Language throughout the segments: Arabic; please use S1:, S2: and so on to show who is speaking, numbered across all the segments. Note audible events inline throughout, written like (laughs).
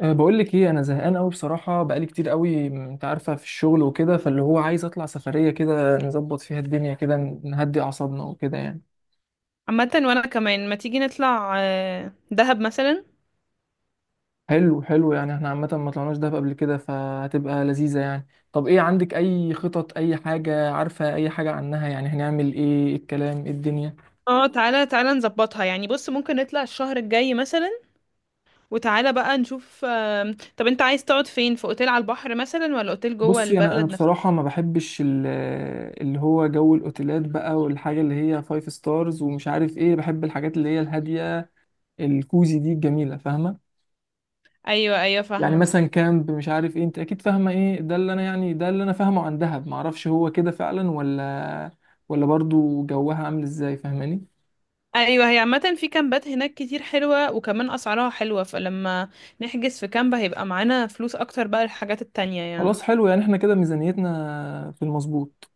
S1: أه، بقول لك ايه، انا زهقان قوي بصراحه، بقالي كتير قوي. انت عارفه، في الشغل وكده، فاللي هو عايز اطلع سفريه كده نظبط فيها الدنيا كده، نهدي اعصابنا وكده يعني.
S2: عامة وانا كمان ما تيجي نطلع دهب مثلا.
S1: حلو حلو، يعني احنا عامه ما طلعناش دهب قبل كده، فهتبقى لذيذه يعني. طب ايه عندك؟ اي خطط؟ اي حاجه عارفه اي حاجه عنها؟ يعني هنعمل ايه؟ إيه الكلام؟ ايه الدنيا؟
S2: اه، تعالى تعالى نظبطها، يعني بص ممكن نطلع الشهر الجاي مثلا. وتعالى بقى نشوف. طب انت عايز تقعد فين، في اوتيل على البحر مثلا ولا اوتيل جوه
S1: بصي انا
S2: البلد نفسها؟
S1: بصراحه ما بحبش اللي هو جو الاوتيلات بقى، والحاجه اللي هي فايف ستارز ومش عارف ايه. بحب الحاجات اللي هي الهاديه، الكوزي دي، الجميله، فاهمه؟
S2: ايوه ايوه،
S1: يعني
S2: فاهمة.
S1: مثلا كامب، مش عارف ايه، انت اكيد فاهمه ايه ده. اللي انا يعني، ده اللي انا فاهمه عن دهب. معرفش هو كده فعلا ولا برضو جوها عامل ازاي، فاهماني؟
S2: ايوه هي عامة في كامبات هناك كتير حلوة، وكمان اسعارها حلوة، فلما نحجز في كامب هيبقى معانا فلوس اكتر بقى للحاجات التانية يعني.
S1: خلاص حلو، يعني احنا كده ميزانيتنا في المظبوط.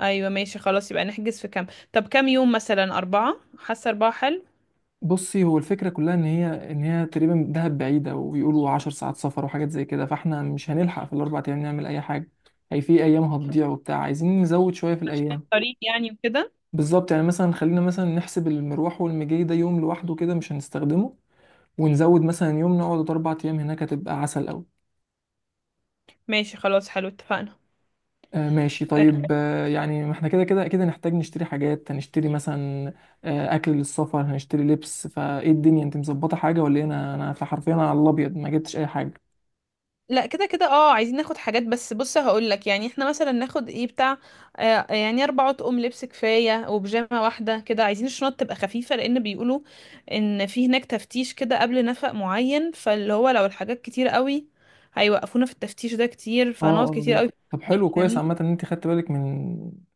S2: ايوه ماشي خلاص، يبقى نحجز في كامب. طب كام يوم مثلا؟ 4؟ حاسة 4 حلو،
S1: بصي، هو الفكره كلها ان هي، تقريبا دهب بعيده وبيقولوا 10 ساعات سفر وحاجات زي كده، فاحنا مش هنلحق في الأربع ايام نعمل اي حاجه. هي في ايام هتضيع وبتاع، عايزين نزود شويه في
S2: عشان
S1: الايام.
S2: الطريق يعني وكده.
S1: بالظبط، يعني مثلا خلينا مثلا نحسب المروح والمجي ده يوم لوحده كده، مش هنستخدمه. ونزود مثلا يوم، نقعد 4 أيام هناك، هتبقى عسل أوي.
S2: ماشي خلاص حلو، اتفقنا.
S1: آه ماشي،
S2: آه،
S1: طيب. آه، يعني ما احنا كده كده أكيد هنحتاج نشتري حاجات. هنشتري مثلا آه أكل للسفر، هنشتري لبس، فإيه الدنيا؟ أنت مظبطة حاجة ولا إيه؟ أنا فحرفيا انا على الأبيض، ما جبتش أي حاجة.
S2: لا كده كده، اه عايزين ناخد حاجات، بس بص هقول لك يعني احنا مثلا ناخد ايه بتاع. يعني 4 اطقم لبس كفايه، وبيجامه واحده كده. عايزين الشنط تبقى خفيفه، لان بيقولوا ان في هناك تفتيش كده قبل نفق معين، فاللي هو لو الحاجات كتير قوي هيوقفونا في التفتيش ده كتير،
S1: اه
S2: فهنقعد
S1: اه،
S2: كتير
S1: لا
S2: قوي.
S1: طب حلو كويس،
S2: فاهمني.
S1: عامة إن أنت خدت بالك من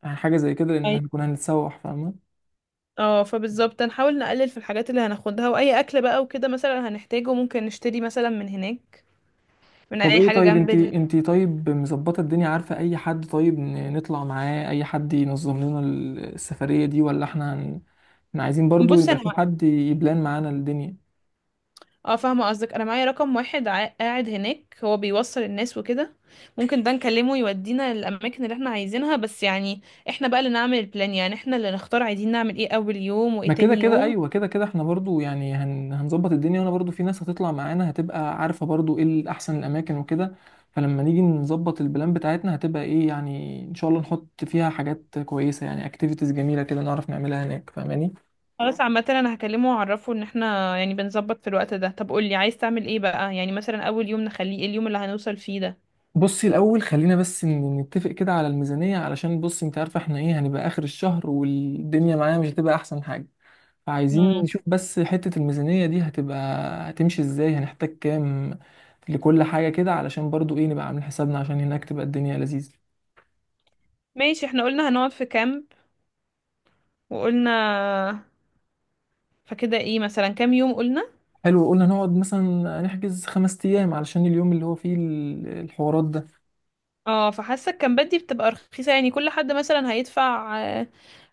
S1: حاجة زي كده، لأن
S2: أي-
S1: هنكون هنتسوح، فاهمة؟
S2: اه فبالظبط هنحاول نقلل في الحاجات اللي هناخدها، واي اكل بقى وكده مثلا هنحتاجه ممكن نشتري مثلا من هناك، من
S1: طب
S2: اي
S1: ايه؟
S2: حاجه
S1: طيب
S2: جنب
S1: انت انت طيب مظبطه الدنيا؟ عارفه اي حد طيب نطلع معاه؟ اي حد ينظم لنا السفريه دي ولا احنا؟ احنا عايزين برضو
S2: بص
S1: يبقى
S2: انا،
S1: في حد يبلان معانا الدنيا.
S2: اه فاهمة قصدك. انا معايا رقم واحد قاعد هناك، هو بيوصل الناس وكده، ممكن ده نكلمه يودينا الاماكن اللي احنا عايزينها، بس يعني احنا بقى اللي نعمل البلان، يعني احنا اللي نختار عايزين نعمل ايه اول يوم
S1: ما
S2: وايه
S1: كده
S2: تاني
S1: كده،
S2: يوم.
S1: ايوه كده كده، احنا برضو يعني هنظبط الدنيا، وانا برضو في ناس هتطلع معانا، هتبقى عارفة برضو ايه الاحسن، الاماكن وكده. فلما نيجي نظبط البلان بتاعتنا، هتبقى ايه يعني؟ ان شاء الله نحط فيها حاجات كويسة، يعني اكتيفيتيز جميلة كده نعرف نعملها هناك، فاهماني؟
S2: خلاص عامة انا هكلمه واعرفه ان احنا يعني بنظبط في الوقت ده. طب قولي عايز تعمل ايه بقى؟ يعني مثلا اول يوم نخليه ايه، اليوم اللي هنوصل فيه ده؟
S1: بصي، الاول خلينا بس نتفق كده على الميزانية، علشان بصي انت عارفة احنا ايه. هنبقى اخر الشهر، والدنيا معانا مش هتبقى احسن حاجة. عايزين
S2: مم.
S1: نشوف بس حتة الميزانية دي هتبقى هتمشي ازاي. هنحتاج كام لكل حاجة كده، علشان برضو ايه، نبقى عاملين حسابنا، عشان هناك تبقى الدنيا لذيذة.
S2: ماشي، احنا قلنا هنقعد في كامب، وقلنا، فكده ايه مثلا كام يوم قلنا.
S1: حلو، قلنا نقعد مثلا، نحجز 5 أيام، علشان اليوم اللي هو فيه الحوارات ده.
S2: اه فحاسه الكامبات دي بتبقى رخيصه، يعني كل حد مثلا هيدفع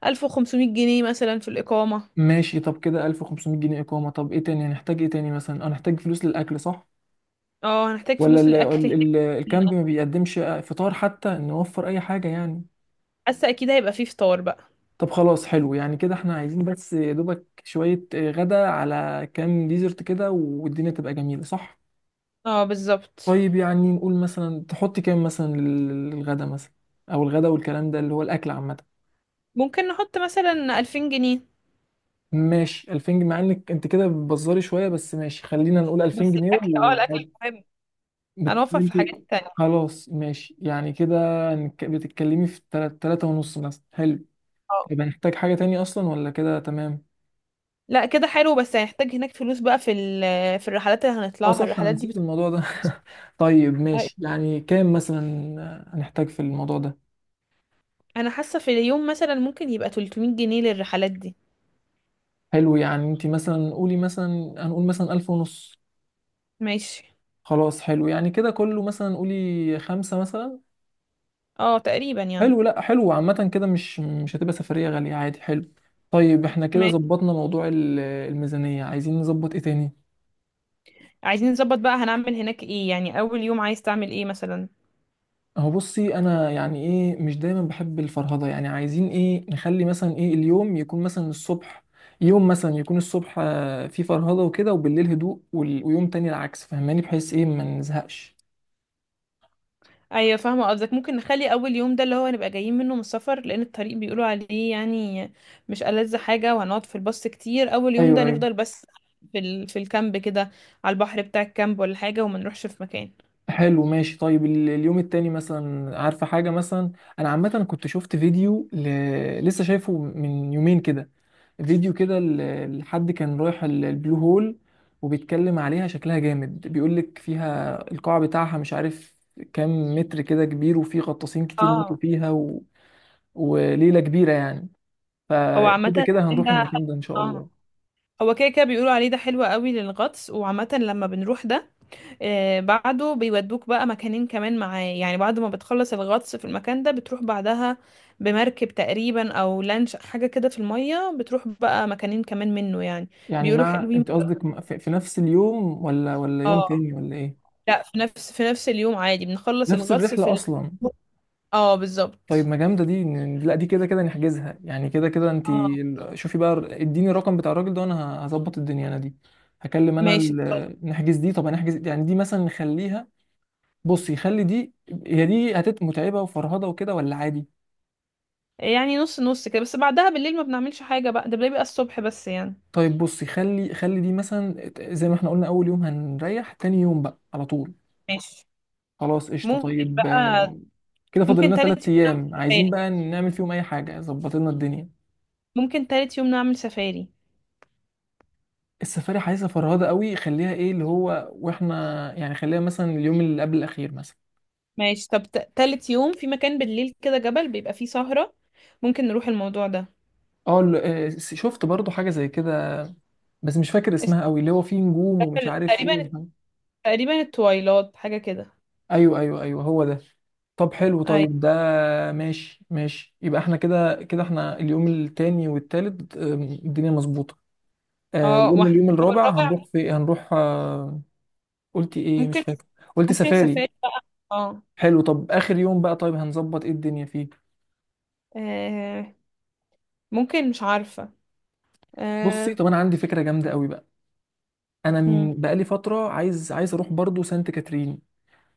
S2: 1500 جنيه مثلا في الإقامة.
S1: ماشي، طب كده 1500 جنيه إقامة. طب ايه تاني؟ هنحتاج ايه تاني مثلا؟ اه هنحتاج فلوس للأكل، صح؟
S2: اه هنحتاج
S1: ولا
S2: فلوس
S1: ال
S2: للأكل
S1: ال
S2: هناك.
S1: ال الكامب ما بيقدمش فطار، حتى نوفر أي حاجة يعني.
S2: حاسه أكيد هيبقى فيه فطار بقى.
S1: طب خلاص حلو، يعني كده احنا عايزين بس يا دوبك شوية غدا على كام ديزرت كده، والدنيا تبقى جميلة، صح؟
S2: اه بالظبط.
S1: طيب يعني، نقول مثلا تحط كام مثلا للغدا مثلا، او الغدا والكلام ده، اللي هو الاكل عامة.
S2: ممكن نحط مثلا 2000 جنيه.
S1: ماشي، 2000 جنيه، مع انك انت كده بتبزري شوية، بس ماشي، خلينا نقول 2000
S2: بس
S1: جنيه
S2: الأكل، اه الأكل
S1: وعادي.
S2: مهم، هنوفر في
S1: انت
S2: حاجات تانية.
S1: خلاص، ماشي يعني كده. بتتكلمي في تلاتة ونص مثلا، حلو.
S2: اه
S1: يبقى نحتاج حاجة تانية اصلا ولا كده تمام؟
S2: لا كده حلو، بس هنحتاج هناك فلوس بقى في في الرحلات اللي
S1: اه
S2: هنطلعها،
S1: صح، انا
S2: الرحلات دي
S1: نسيت
S2: بتكون
S1: الموضوع ده.
S2: فلوس.
S1: (laughs) طيب
S2: طيب.
S1: ماشي، يعني كام مثلا هنحتاج في الموضوع ده؟
S2: أنا حاسة في اليوم مثلا ممكن يبقى 300 جنيه للرحلات دي.
S1: حلو، يعني انت مثلا قولي مثلا، هنقول مثلا 1500.
S2: ماشي.
S1: خلاص حلو، يعني كده كله مثلا، قولي خمسة مثلا.
S2: اه تقريبا يعني.
S1: حلو، لا حلو عامة كده، مش هتبقى سفرية غالية، عادي حلو. طيب احنا كده ظبطنا موضوع الميزانية، عايزين نظبط ايه تاني؟
S2: عايزين نظبط بقى هنعمل هناك ايه، يعني اول يوم عايز تعمل ايه مثلا؟
S1: هو بصي انا يعني ايه، مش دايما بحب الفرهده يعني. عايزين ايه، نخلي مثلا ايه، اليوم يكون مثلا الصبح، يوم مثلا يكون الصبح فيه فرهده وكده، وبالليل هدوء، ويوم تاني العكس، فاهماني؟ بحيث ايه، ما نزهقش.
S2: ايوه فاهمه قصدك. ممكن نخلي اول يوم ده اللي هو هنبقى جايين منه من السفر، لان الطريق بيقولوا عليه يعني مش ألذ حاجه، وهنقعد في الباص كتير. اول يوم ده
S1: ايوه ايوه.
S2: نفضل بس في في الكامب كده، على البحر بتاع الكامب ولا حاجه، وما نروحش في مكان.
S1: حلو ماشي، طيب اليوم التاني مثلا، عارفة حاجة مثلا؟ أنا عامة كنت شفت فيديو لسه شايفه من يومين كده، فيديو كده لحد كان رايح البلو هول، وبيتكلم عليها، شكلها جامد. بيقولك فيها القاع بتاعها مش عارف كام متر كده، كبير، وفي غطاسين كتير ماتوا
S2: اه.
S1: فيها وليلة كبيرة يعني.
S2: هو عامه
S1: فكده
S2: ده
S1: كده
S2: حلو.
S1: هنروح المكان ده إن شاء
S2: اه،
S1: الله.
S2: هو كده كده بيقولوا عليه ده حلو قوي للغطس، وعامه لما بنروح ده بعده بيودوك بقى مكانين كمان معاه، يعني بعد ما بتخلص الغطس في المكان ده بتروح بعدها بمركب تقريبا او لانش حاجة كده في المية، بتروح بقى مكانين كمان منه يعني.
S1: يعني
S2: بيقولوا
S1: مع،
S2: حلوين.
S1: أنت قصدك في نفس اليوم ولا يوم
S2: اه
S1: تاني ولا إيه؟
S2: لا، في نفس اليوم عادي، بنخلص
S1: نفس
S2: الغطس في
S1: الرحلة
S2: ال...
S1: أصلا.
S2: اه
S1: طيب
S2: بالظبط.
S1: ما جامده دي، لا دي كده كده نحجزها، يعني كده كده انت.
S2: اه
S1: شوفي بقى، اديني الرقم بتاع الراجل ده، انا هظبط الدنيا. انا دي هكلم، انا
S2: ماشي.
S1: نحجز دي. طب هنحجز يعني دي، مثلا نخليها. بصي خلي دي، دي هتبقى متعبه وفرهده وكده ولا عادي؟
S2: يعني نص نص كده، بس بعدها بالليل ما بنعملش حاجة بقى، ده بيبقى الصبح بس يعني.
S1: طيب بصي، خلي دي مثلا زي ما احنا قلنا، اول يوم هنريح، تاني يوم بقى على طول.
S2: ماشي.
S1: خلاص قشطه،
S2: ممكن
S1: طيب
S2: بقى.
S1: آه، كده فاضل
S2: ممكن
S1: لنا ثلاث
S2: تالت يوم نعمل
S1: ايام عايزين
S2: سفاري
S1: بقى نعمل فيهم اي حاجه، ظبط لنا الدنيا.
S2: ممكن تالت يوم نعمل سفاري.
S1: السفاري عايزه فرهده قوي، خليها ايه اللي هو، واحنا يعني خليها مثلا اليوم اللي قبل الاخير مثلا.
S2: ماشي. طب تالت يوم في مكان بالليل كده، جبل بيبقى فيه سهرة، ممكن نروح الموضوع ده.
S1: اه آه، شفت برضو حاجه زي كده، بس مش فاكر اسمها
S2: اسمه
S1: قوي، اللي هو فيه نجوم ومش عارف ايه
S2: تقريبا،
S1: وحاجة.
S2: تقريبا التويلات حاجة كده.
S1: (laughs) ايوه ايوه ايوه، هو ده. طب حلو،
S2: اي.
S1: طيب ده ماشي ماشي. يبقى احنا كده كده، احنا اليوم التاني والتالت الدنيا مظبوطه. آه،
S2: اه.
S1: وقلنا
S2: واحنا،
S1: اليوم الرابع
S2: والرابع
S1: هنروح في هنروح آه، قلت ايه مش
S2: ممكن،
S1: فاكر. قلت
S2: ممكن
S1: سفاري.
S2: السفاري بقى. اه.
S1: حلو، طب اخر يوم بقى، طيب هنظبط ايه الدنيا فيه؟
S2: آه، ممكن، مش عارفة.
S1: بصي،
S2: آه.
S1: طب انا عندي فكره جامده قوي بقى. انا
S2: مم.
S1: بقالي فتره عايز، اروح برضو سانت كاترين.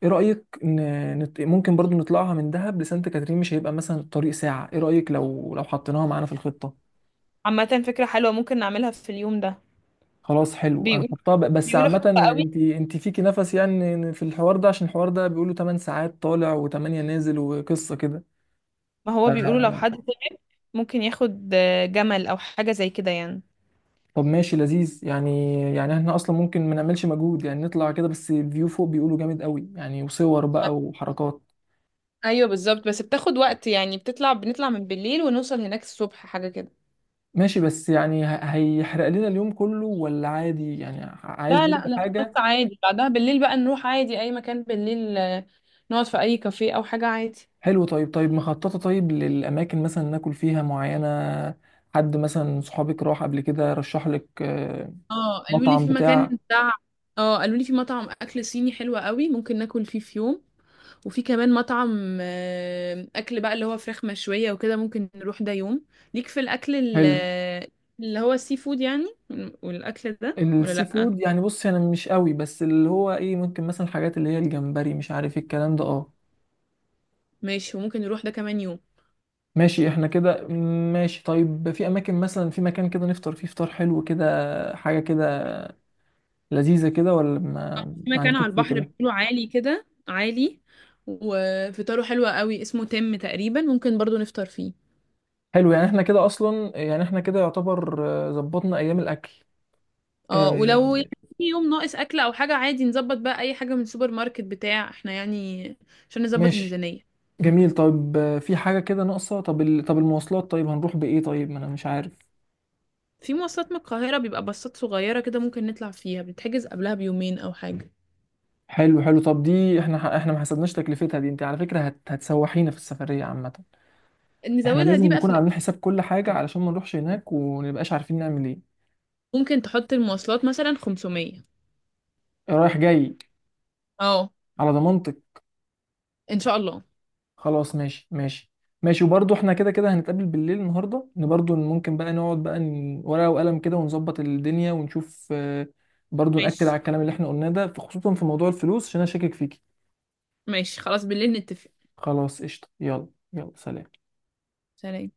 S1: ايه رايك ممكن برضو نطلعها من دهب لسانت كاترين؟ مش هيبقى مثلا الطريق ساعه؟ ايه رايك لو حطيناها معانا في الخطه؟
S2: عامة فكرة حلوة، ممكن نعملها في اليوم ده.
S1: خلاص حلو،
S2: بيقول
S1: هنحطها بس
S2: بيقولوا
S1: عامه،
S2: حلوة قوي.
S1: انت فيكي نفس يعني في الحوار ده؟ عشان الحوار ده بيقولوا 8 ساعات طالع و8 نازل وقصه كده.
S2: ما هو بيقولوا لو
S1: آه،
S2: حد ممكن ياخد جمل او حاجة زي كده يعني.
S1: طب ماشي لذيذ، يعني احنا اصلا ممكن ما نعملش مجهود يعني، نطلع كده بس، فيو فوق بيقولوا جامد قوي يعني، وصور بقى وحركات.
S2: ايوه بالظبط، بس بتاخد وقت، يعني بتطلع، بنطلع من بالليل ونوصل هناك الصبح حاجه كده.
S1: ماشي، بس يعني هيحرق لنا اليوم كله ولا عادي يعني؟ عايز
S2: لا لا
S1: برضه
S2: لا خلاص
S1: حاجة
S2: عادي، بعدها بالليل بقى نروح عادي اي مكان بالليل، نقعد في اي كافيه او حاجة عادي.
S1: حلوة. طيب طيب، مخططة طيب للأماكن مثلا ناكل فيها معينة؟ حد مثلا صحابك راح قبل كده رشح لك آه،
S2: اه قالوا لي
S1: مطعم
S2: في مكان
S1: بتاع،
S2: بتاع، اه قالوا لي في مطعم اكل صيني حلو قوي، ممكن ناكل فيه في يوم. وفي كمان مطعم اكل بقى اللي هو فراخ مشويه وكده، ممكن نروح ده يوم. ليك في الاكل
S1: حلو
S2: اللي هو السي فود يعني، والاكل ده ولا
S1: السي
S2: لا؟
S1: فود يعني؟ بص أنا مش قوي، بس اللي هو إيه، ممكن مثلا الحاجات اللي هي الجمبري، مش عارف إيه الكلام ده، أه.
S2: ماشي، وممكن نروح ده كمان يوم.
S1: ماشي احنا كده ماشي. طيب في أماكن مثلا، في مكان كده نفطر فيه فطار حلو كده، حاجة كده لذيذة كده ولا ما,
S2: في
S1: ما
S2: مكان
S1: عندكش
S2: على البحر،
S1: فكرة؟
S2: بيقولوا عالي كده عالي وفطاره حلو قوي، اسمه تم تقريبا، ممكن برضو نفطر فيه.
S1: حلو يعني احنا كده اصلا، يعني احنا كده يعتبر آه، ظبطنا ايام الاكل.
S2: اه، ولو يعني
S1: آه
S2: في يوم ناقص اكل او حاجه عادي نظبط بقى اي حاجه من السوبر ماركت بتاع احنا يعني، عشان نظبط
S1: ماشي.
S2: الميزانيه.
S1: جميل، طيب آه، في حاجه كده ناقصه. طب طب المواصلات، طيب هنروح بايه؟ طيب ما انا مش عارف.
S2: في مواصلات من القاهره، بيبقى باصات صغيره كده، ممكن نطلع فيها، بتتحجز قبلها بيومين او حاجه.
S1: حلو حلو، طب دي احنا احنا ما حسبناش تكلفتها دي، انت على فكره هتسوحينا في السفريه عامه. احنا
S2: نزودها
S1: لازم
S2: دي بقى في
S1: نكون
S2: الأكل.
S1: عاملين حساب كل حاجه، علشان ما نروحش هناك ونبقاش عارفين نعمل ايه.
S2: ممكن تحط المواصلات مثلا 500.
S1: رايح جاي.
S2: اه
S1: على ضمانتك.
S2: ان شاء الله.
S1: خلاص ماشي ماشي. ماشي، وبرضه احنا كده كده هنتقابل بالليل النهارده، ان برضه ممكن بقى نقعد بقى ورقة وقلم كده ونظبط الدنيا ونشوف آه، برضه نأكد
S2: ماشي
S1: على الكلام اللي احنا قلناه ده، خصوصا في موضوع الفلوس، عشان انا شاكك فيكي.
S2: ماشي. خلاص بالليل نتفق.
S1: خلاص قشطة، يلا. يلا سلام.
S2: سلام.